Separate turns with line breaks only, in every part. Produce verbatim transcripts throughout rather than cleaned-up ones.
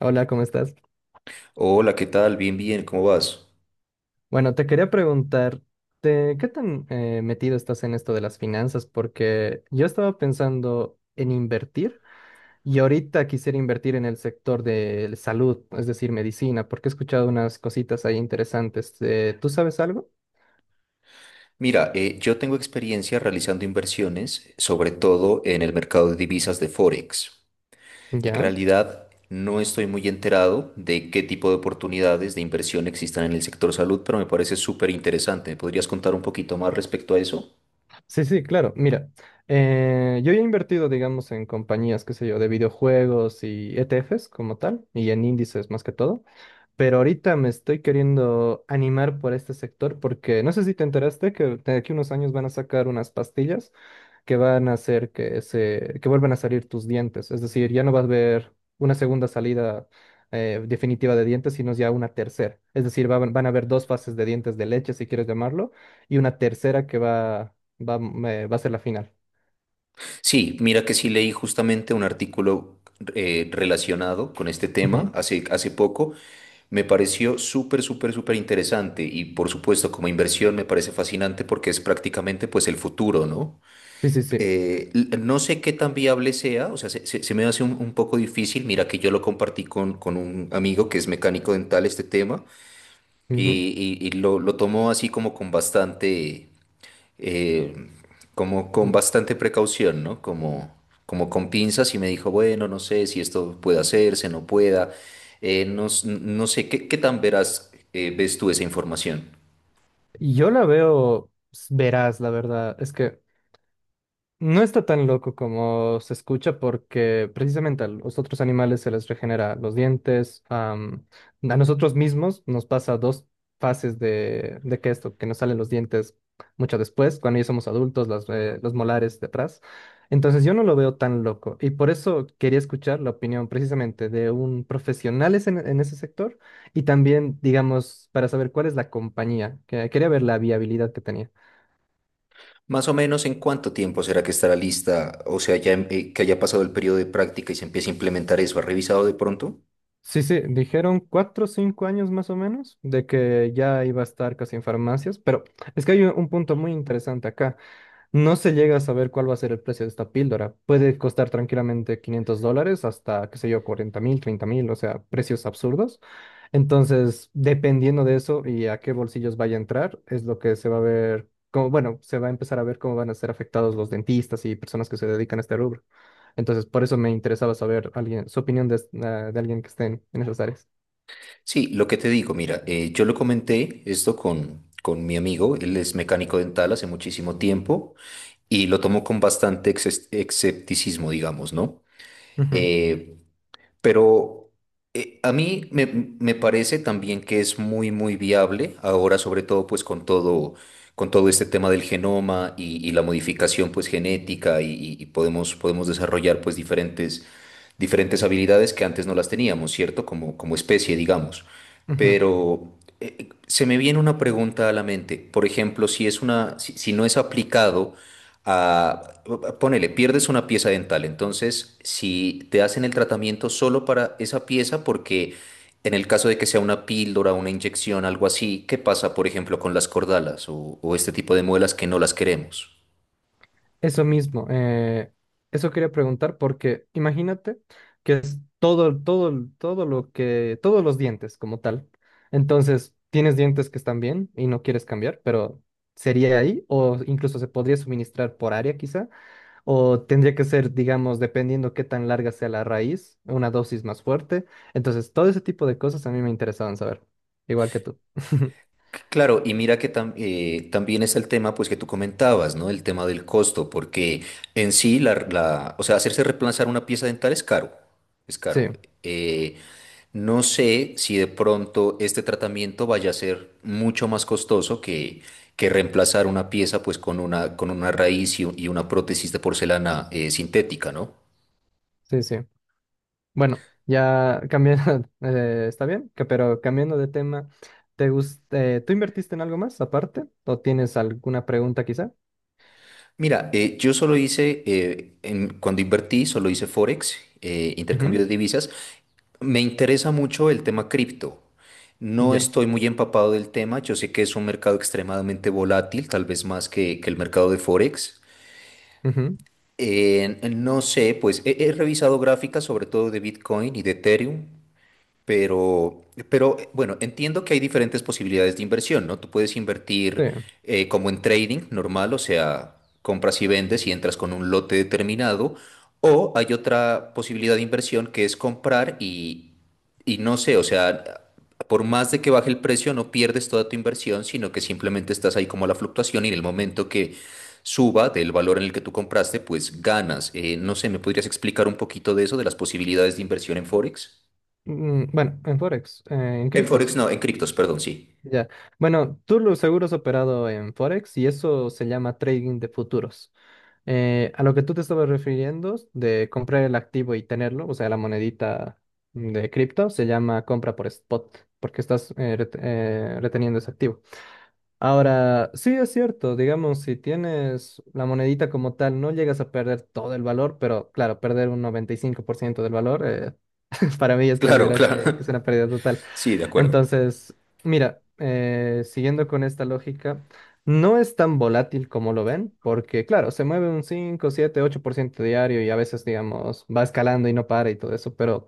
Hola, ¿cómo estás?
Hola, ¿qué tal? Bien, bien, ¿cómo vas?
Bueno, te quería preguntar, ¿te- ¿qué tan eh, metido estás en esto de las finanzas? Porque yo estaba pensando en invertir y ahorita quisiera invertir en el sector de salud, es decir, medicina, porque he escuchado unas cositas ahí interesantes. Eh, ¿tú sabes algo?
Mira, eh, yo tengo experiencia realizando inversiones, sobre todo en el mercado de divisas de Forex. En
Ya.
realidad, no estoy muy enterado de qué tipo de oportunidades de inversión existan en el sector salud, pero me parece súper interesante. ¿Me podrías contar un poquito más respecto a eso?
Sí, sí, claro. Mira, eh, yo ya he invertido, digamos, en compañías, qué sé yo, de videojuegos y E T Fs como tal, y en índices más que todo. Pero ahorita me estoy queriendo animar por este sector porque no sé si te enteraste que de aquí a unos años van a sacar unas pastillas que van a hacer que se, que vuelvan a salir tus dientes. Es decir, ya no vas a ver una segunda salida eh, definitiva de dientes, sino ya una tercera. Es decir, va- van a haber dos fases de dientes de leche, si quieres llamarlo, y una tercera que va, va, eh, va a ser la final.
Sí, mira que sí leí justamente un artículo eh, relacionado con este tema
Ujú.
hace, hace poco. Me pareció súper, súper, súper interesante y por supuesto como inversión me parece fascinante porque es prácticamente pues el futuro, ¿no?
Sí, sí, sí.
Eh, l- no sé qué tan viable sea, o sea, se, se- se me hace un, un poco difícil. Mira que yo lo compartí con, con un amigo que es mecánico dental este tema y,
Ujú.
y- y lo, lo tomó así como con bastante eh, como con
Mm.
bastante precaución, ¿no? Como, como con pinzas y me dijo, bueno, no sé si esto puede hacerse, no pueda, eh, no, s- no sé, ¿qué, qué tan verás eh, ves tú esa información?
Yo la veo s- veraz, la verdad. Es que no está tan loco como se escucha porque precisamente a los otros animales se les regenera los dientes. am, a nosotros mismos nos pasa dos fases de, de que esto, que nos salen los dientes mucho después, cuando ya somos adultos, las, eh, los molares de atrás. Entonces yo no lo veo tan loco y por eso quería escuchar la opinión precisamente de un profesional es- en, en ese sector y también, digamos, para saber cuál es la compañía. que- Quería ver la viabilidad que tenía.
Más o menos en cuánto tiempo será que estará lista, o sea, ya em- eh, que haya pasado el periodo de práctica y se empiece a implementar eso, ¿has revisado de pronto?
Sí, sí, dijeron cuatro o cinco años más o menos de que ya iba a estar casi en farmacias, pero es que hay un un punto muy interesante acá. No se llega a saber cuál va a ser el precio de esta píldora. Puede costar tranquilamente quinientos dólares hasta, qué sé yo, cuarenta mil, treinta mil, o sea, precios absurdos. Entonces, dependiendo de eso y a qué bolsillos vaya a entrar, es lo que se va a ver, como, bueno, se va a empezar a ver cómo van a ser afectados los dentistas y personas que se dedican a este rubro. Entonces, por eso me interesaba saber alguien, su opinión de, es- eh, de alguien que esté en en esas áreas.
Sí, lo que te digo, mira, eh, yo lo comenté esto con, con mi amigo, él es mecánico dental hace muchísimo tiempo y lo tomó con bastante exes- escepticismo, digamos, ¿no?
Ujú,
Eh, pero eh, a mí me, me parece también que es muy, muy viable ahora, sobre todo pues con todo, con todo este tema del genoma y, y la modificación pues genética y, y- y podemos, podemos desarrollar pues diferentes diferentes habilidades que antes no las teníamos, ¿cierto? Como, como especie, digamos.
ujú.
Pero eh, se me viene una pregunta a la mente. Por ejemplo, si es una, si, si no es aplicado a, ponele, pierdes una pieza dental. Entonces, si te hacen el tratamiento solo para esa pieza, porque en el caso de que sea una píldora, una inyección, algo así, ¿qué pasa, por ejemplo, con las cordalas o, o este tipo de muelas que no las queremos?
Eso mismo, eh, eso quería preguntar porque imagínate que es todo, todo, todo lo que, todos los dientes como tal. Entonces, tienes dientes que están bien y no quieres cambiar, pero ¿sería ahí? O incluso se podría suministrar por área quizá, o tendría que ser, digamos, dependiendo qué tan larga sea la raíz, una dosis más fuerte. Entonces, todo ese tipo de cosas a mí me interesaban saber, igual que tú.
Claro, y mira que tam- eh, también es el tema pues que tú comentabas, ¿no? El tema del costo, porque en sí, la, la- o sea, hacerse reemplazar una pieza dental es caro, es caro.
Sí,
Eh, no sé si de pronto este tratamiento vaya a ser mucho más costoso que, que reemplazar una pieza pues con una, con una raíz y, u- y una prótesis de porcelana eh, sintética, ¿no?
sí, sí. Bueno, ya cambiando, eh, está bien, que- pero cambiando de tema, ¿te gus- eh, ¿tú invertiste en algo más aparte? ¿O tienes alguna pregunta quizá?
Mira, eh, yo solo hice, eh, en- cuando invertí, solo hice Forex, eh, intercambio
Ujú.
de divisas. Me interesa mucho el tema cripto. No
Ya.
estoy muy empapado del tema. Yo sé que es un mercado extremadamente volátil, tal vez más que, que el mercado de Forex.
Ujú.
Eh, no sé, pues he, he revisado gráficas sobre todo de Bitcoin y de Ethereum. Pero, pero eh, bueno, entiendo que hay diferentes posibilidades de inversión, ¿no? Tú puedes
Sí.
invertir eh, como en trading normal, o sea, compras y vendes y entras con un lote determinado, o hay otra posibilidad de inversión que es comprar y, y no sé, o sea, por más de que baje el precio, no pierdes toda tu inversión, sino que simplemente estás ahí como a la fluctuación y en el momento que suba del valor en el que tú compraste, pues ganas. Eh, no sé, ¿me podrías explicar un poquito de eso, de las posibilidades de inversión en Forex?
Mm, bueno, en Forex, eh, en
En Forex
criptos.
no, en criptos, perdón, sí.
Ya. Bueno, tú lo seguro has operado en Forex y eso se llama trading de futuros. Eh, a lo que tú te estabas refiriendo de comprar el activo y tenerlo, o sea, la monedita de cripto, se llama compra por spot, porque estás eh, ret- eh, reteniendo ese activo. Ahora, sí es cierto, digamos, si tienes la monedita como tal, no llegas a perder todo el valor, pero claro, perder un noventa y cinco por ciento del valor, eh, para mí es
Claro,
considerar que, que es
claro.
una pérdida total.
Sí, de acuerdo.
Entonces, mira, eh, siguiendo con esta lógica, no es tan volátil como lo ven, porque claro, se mueve un cinco siete ocho por ciento diario y a veces, digamos, va escalando y no para y todo eso, pero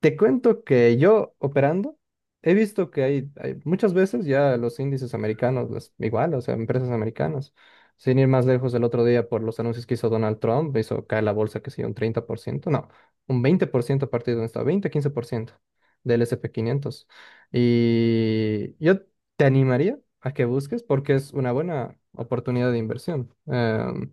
te cuento que yo operando he visto que hay, hay muchas veces ya los índices americanos, las, igual, o sea, empresas americanas, sin ir más lejos el otro día por los anuncios que hizo Donald Trump, hizo caer la bolsa, que sé yo, un treinta por ciento no, un veinte por ciento a partir de donde estaba, veinte, quince por ciento del S and p quinientos. Y yo te animaría a que busques porque es una buena oportunidad de inversión. Em,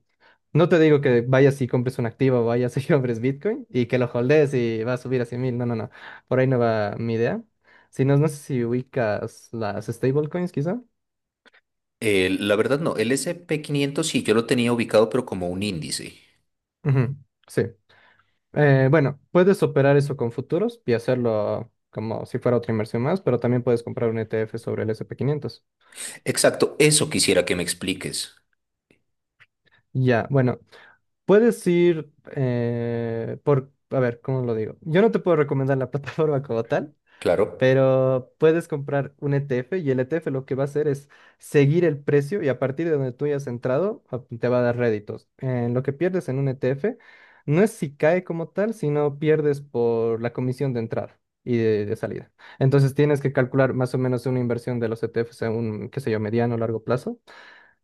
no te digo que vayas y compres un activo, vayas y compres Bitcoin y que lo holdes y va a subir a cien mil. No, no, no. Por ahí no va mi idea. Si no, no sé si ubicas las stablecoins, quizá.
Eh, la verdad no, el S y P quinientos sí, yo lo tenía ubicado, pero como un índice.
Ujú. Sí. Eh, bueno, puedes operar eso con futuros y hacerlo como si fuera otra inversión más, pero también puedes comprar un E T F sobre el S and P quinientos.
Exacto, eso quisiera que me expliques.
Ya, bueno, puedes ir eh, por, a ver, ¿cómo lo digo? Yo no te puedo recomendar la plataforma como tal.
Claro.
Pero puedes comprar un E T F y el E T F lo que va a hacer es seguir el precio y a partir de donde tú hayas entrado a- te va a dar réditos. En lo que pierdes en un E T F no es si cae como tal, sino pierdes por la comisión de entrada y de, de salida. Entonces tienes que calcular más o menos una inversión de los E T Fs a un, qué sé yo, mediano o largo plazo.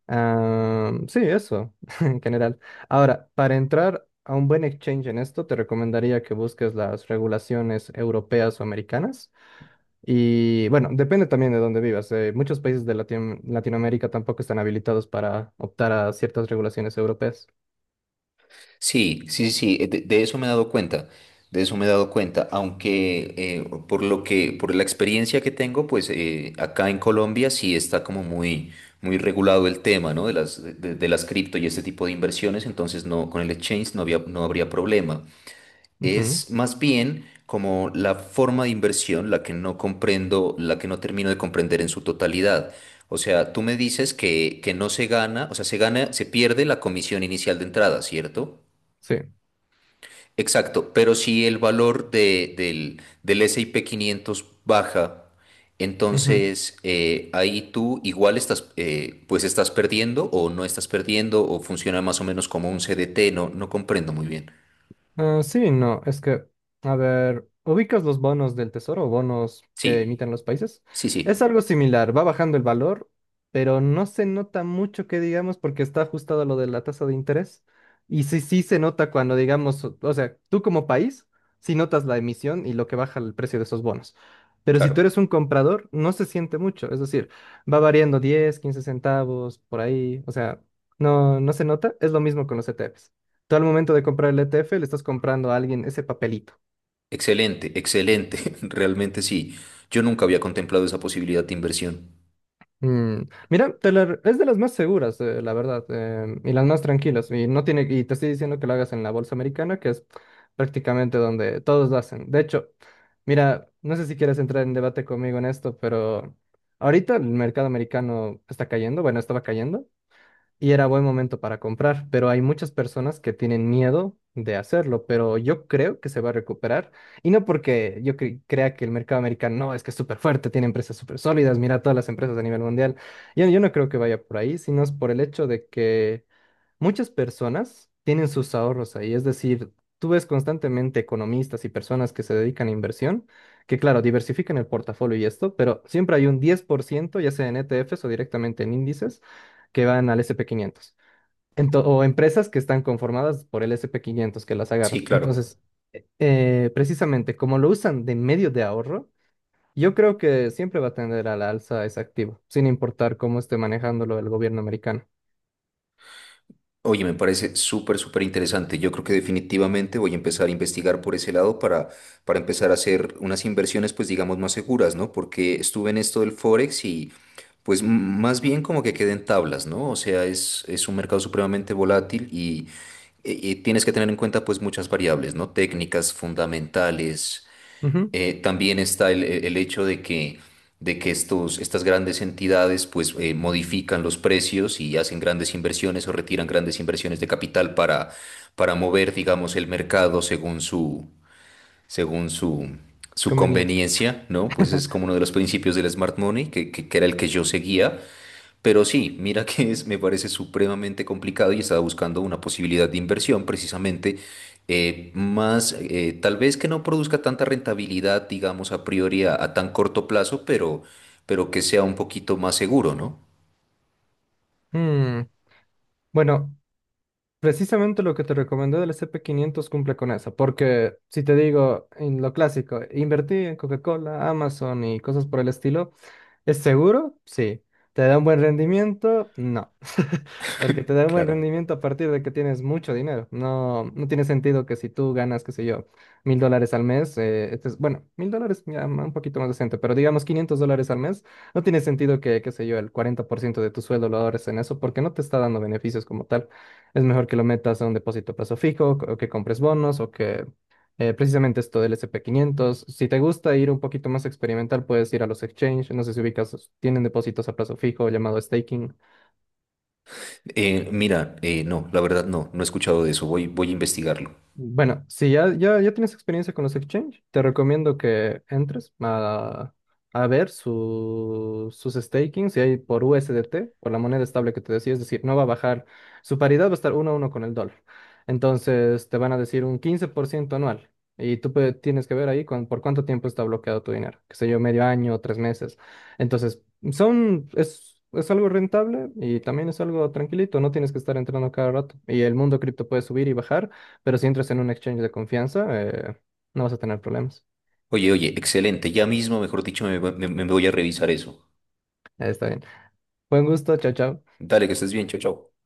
Ah, sí, eso en general. Ahora, para entrar a un buen exchange en esto, te recomendaría que busques las regulaciones europeas o americanas. Y bueno, depende también de dónde vivas. eh, muchos países de Latino- Latinoamérica tampoco están habilitados para optar a ciertas regulaciones europeas.
Sí, sí, sí, sí, eh, de, de eso me he dado cuenta. De eso me he dado cuenta, aunque eh, por lo que, por la experiencia que tengo, pues eh, acá en Colombia sí está como muy, muy regulado el tema, ¿no? De las, de, de las cripto y este tipo de inversiones, entonces no, con el exchange no había, no habría problema.
Ujú,
Es más bien como la forma de inversión la que no comprendo, la que no termino de comprender en su totalidad. O sea, tú me dices que, que no se gana, o sea, se gana, se pierde la comisión inicial de entrada, ¿cierto?
sí.
Exacto, pero si el valor de- del, del S y P quinientos baja,
Ujú.
entonces eh, ahí tú igual estás, eh, pues estás perdiendo o no estás perdiendo o funciona más o menos como un C D T, no, no comprendo muy bien.
Ah, sí, no, es que, a ver, ubicas los bonos del tesoro, bonos que
Sí,
emiten los países.
sí,
Es
sí,
algo similar, va bajando el valor, pero no se nota mucho que digamos porque está ajustado a lo de la tasa de interés. Y sí, sí se nota cuando digamos, o o sea, tú como país, sí notas la emisión y lo que baja el precio de esos bonos. Pero si tú eres
claro.
un comprador, no se siente mucho, es decir, va variando diez, quince centavos por ahí, o sea, no, no se nota. Es lo mismo con los E T Fs. Tú al momento de comprar el E T F le estás comprando a alguien ese papelito.
Excelente, excelente, realmente sí. Yo nunca había contemplado esa posibilidad de inversión.
Mm. Mira, te la es de las más seguras, eh, la verdad, eh, y las más tranquilas. Y no tiene, y te estoy diciendo que lo hagas en la bolsa americana, que es prácticamente donde todos lo hacen. De hecho, mira, no sé si quieres entrar en debate conmigo en esto, pero ahorita el mercado americano está cayendo, bueno, estaba cayendo. Y era buen momento para comprar, pero hay muchas personas que tienen miedo de hacerlo, pero yo creo que se va a recuperar y no porque yo cre- crea que el mercado americano no, es que es súper fuerte, tiene empresas súper sólidas, mira todas las empresas a nivel mundial. Yo, yo no creo que vaya por ahí, sino es por el hecho de que muchas personas tienen sus ahorros ahí, es decir, tú ves constantemente economistas y personas que se dedican a inversión, que claro, diversifican el portafolio y esto, pero siempre hay un diez por ciento ya sea en E T Fs o directamente en índices, que van al S and P quinientos, Ento- o empresas que están conformadas por el S and p quinientos que las
Sí,
agarran.
claro.
Entonces, eh, precisamente como lo usan de medio de ahorro, yo creo que siempre va a tender a la alza ese activo, sin importar cómo esté manejándolo el gobierno americano.
Oye, me parece súper, súper interesante. Yo creo que definitivamente voy a empezar a investigar por ese lado para, para empezar a hacer unas inversiones, pues digamos, más seguras, ¿no? Porque estuve en esto del Forex y pues m- más bien como que queden tablas, ¿no? O sea, es, es un mercado supremamente volátil y, y- y tienes que tener en cuenta pues muchas variables, ¿no? Técnicas fundamentales.
Ujú.
Eh, también está el, el hecho de que, de que, estos, estas grandes entidades pues, eh, modifican los precios y hacen grandes inversiones o retiran grandes inversiones de capital para, para mover, digamos, el mercado según su, según su, su
Conveniencia.
conveniencia, ¿no? Pues es como uno de los principios del smart money, que, que, que era el que yo seguía. Pero sí, mira que es, me parece supremamente complicado y estaba buscando una posibilidad de inversión precisamente eh, más, eh, tal vez que no produzca tanta rentabilidad, digamos, a priori a, a tan corto plazo, pero, pero que sea un poquito más seguro, ¿no?
Bueno, precisamente lo que te recomendé del sp quinientos cumple con eso, porque si te digo en lo clásico, invertí en Coca-Cola, Amazon y cosas por el estilo. ¿Es seguro? Sí. ¿Te da un buen rendimiento? No. Porque te da un buen
Claro.
rendimiento a partir de que tienes mucho dinero. No, no tiene sentido que si tú ganas, qué sé yo, mil dólares al mes, eh, este es- bueno, mil dólares ya ma- un poquito más decente, pero digamos quinientos dólares al mes, no tiene sentido que, qué sé yo, el cuarenta por ciento de tu sueldo lo ahorres en eso porque no te está dando beneficios como tal. Es mejor que lo metas a un depósito a plazo fijo o que compres bonos o que eh, precisamente esto del S P quinientos. Si te gusta ir un poquito más experimental, puedes ir a los exchange. No sé si ubicas, tienen depósitos a plazo fijo llamado staking.
Eh, mira, eh, no, la verdad no, no he escuchado de eso, voy, voy a investigarlo.
Bueno, si ya, ya, ya tienes experiencia con los exchange, te recomiendo que entres a, a ver su- sus stakings, si hay por U S D T, por la moneda estable que te decía, es decir, no va a bajar, su paridad va a estar uno a uno con el dólar. Entonces te van a decir un quince por ciento anual y tú pe- tienes que ver ahí con, por cuánto tiempo está bloqueado tu dinero, qué sé yo, medio año, tres meses. Entonces, son, es, es algo rentable y también es algo tranquilito, no tienes que estar entrando cada rato y el mundo cripto puede subir y bajar. Pero si entras en un exchange de confianza, eh, no vas a tener problemas.
Oye, oye, excelente, ya mismo, mejor dicho, me, me me voy a revisar eso.
Eh, está bien. Buen gusto, chao, chao.
Dale, que estés bien, chao, chao.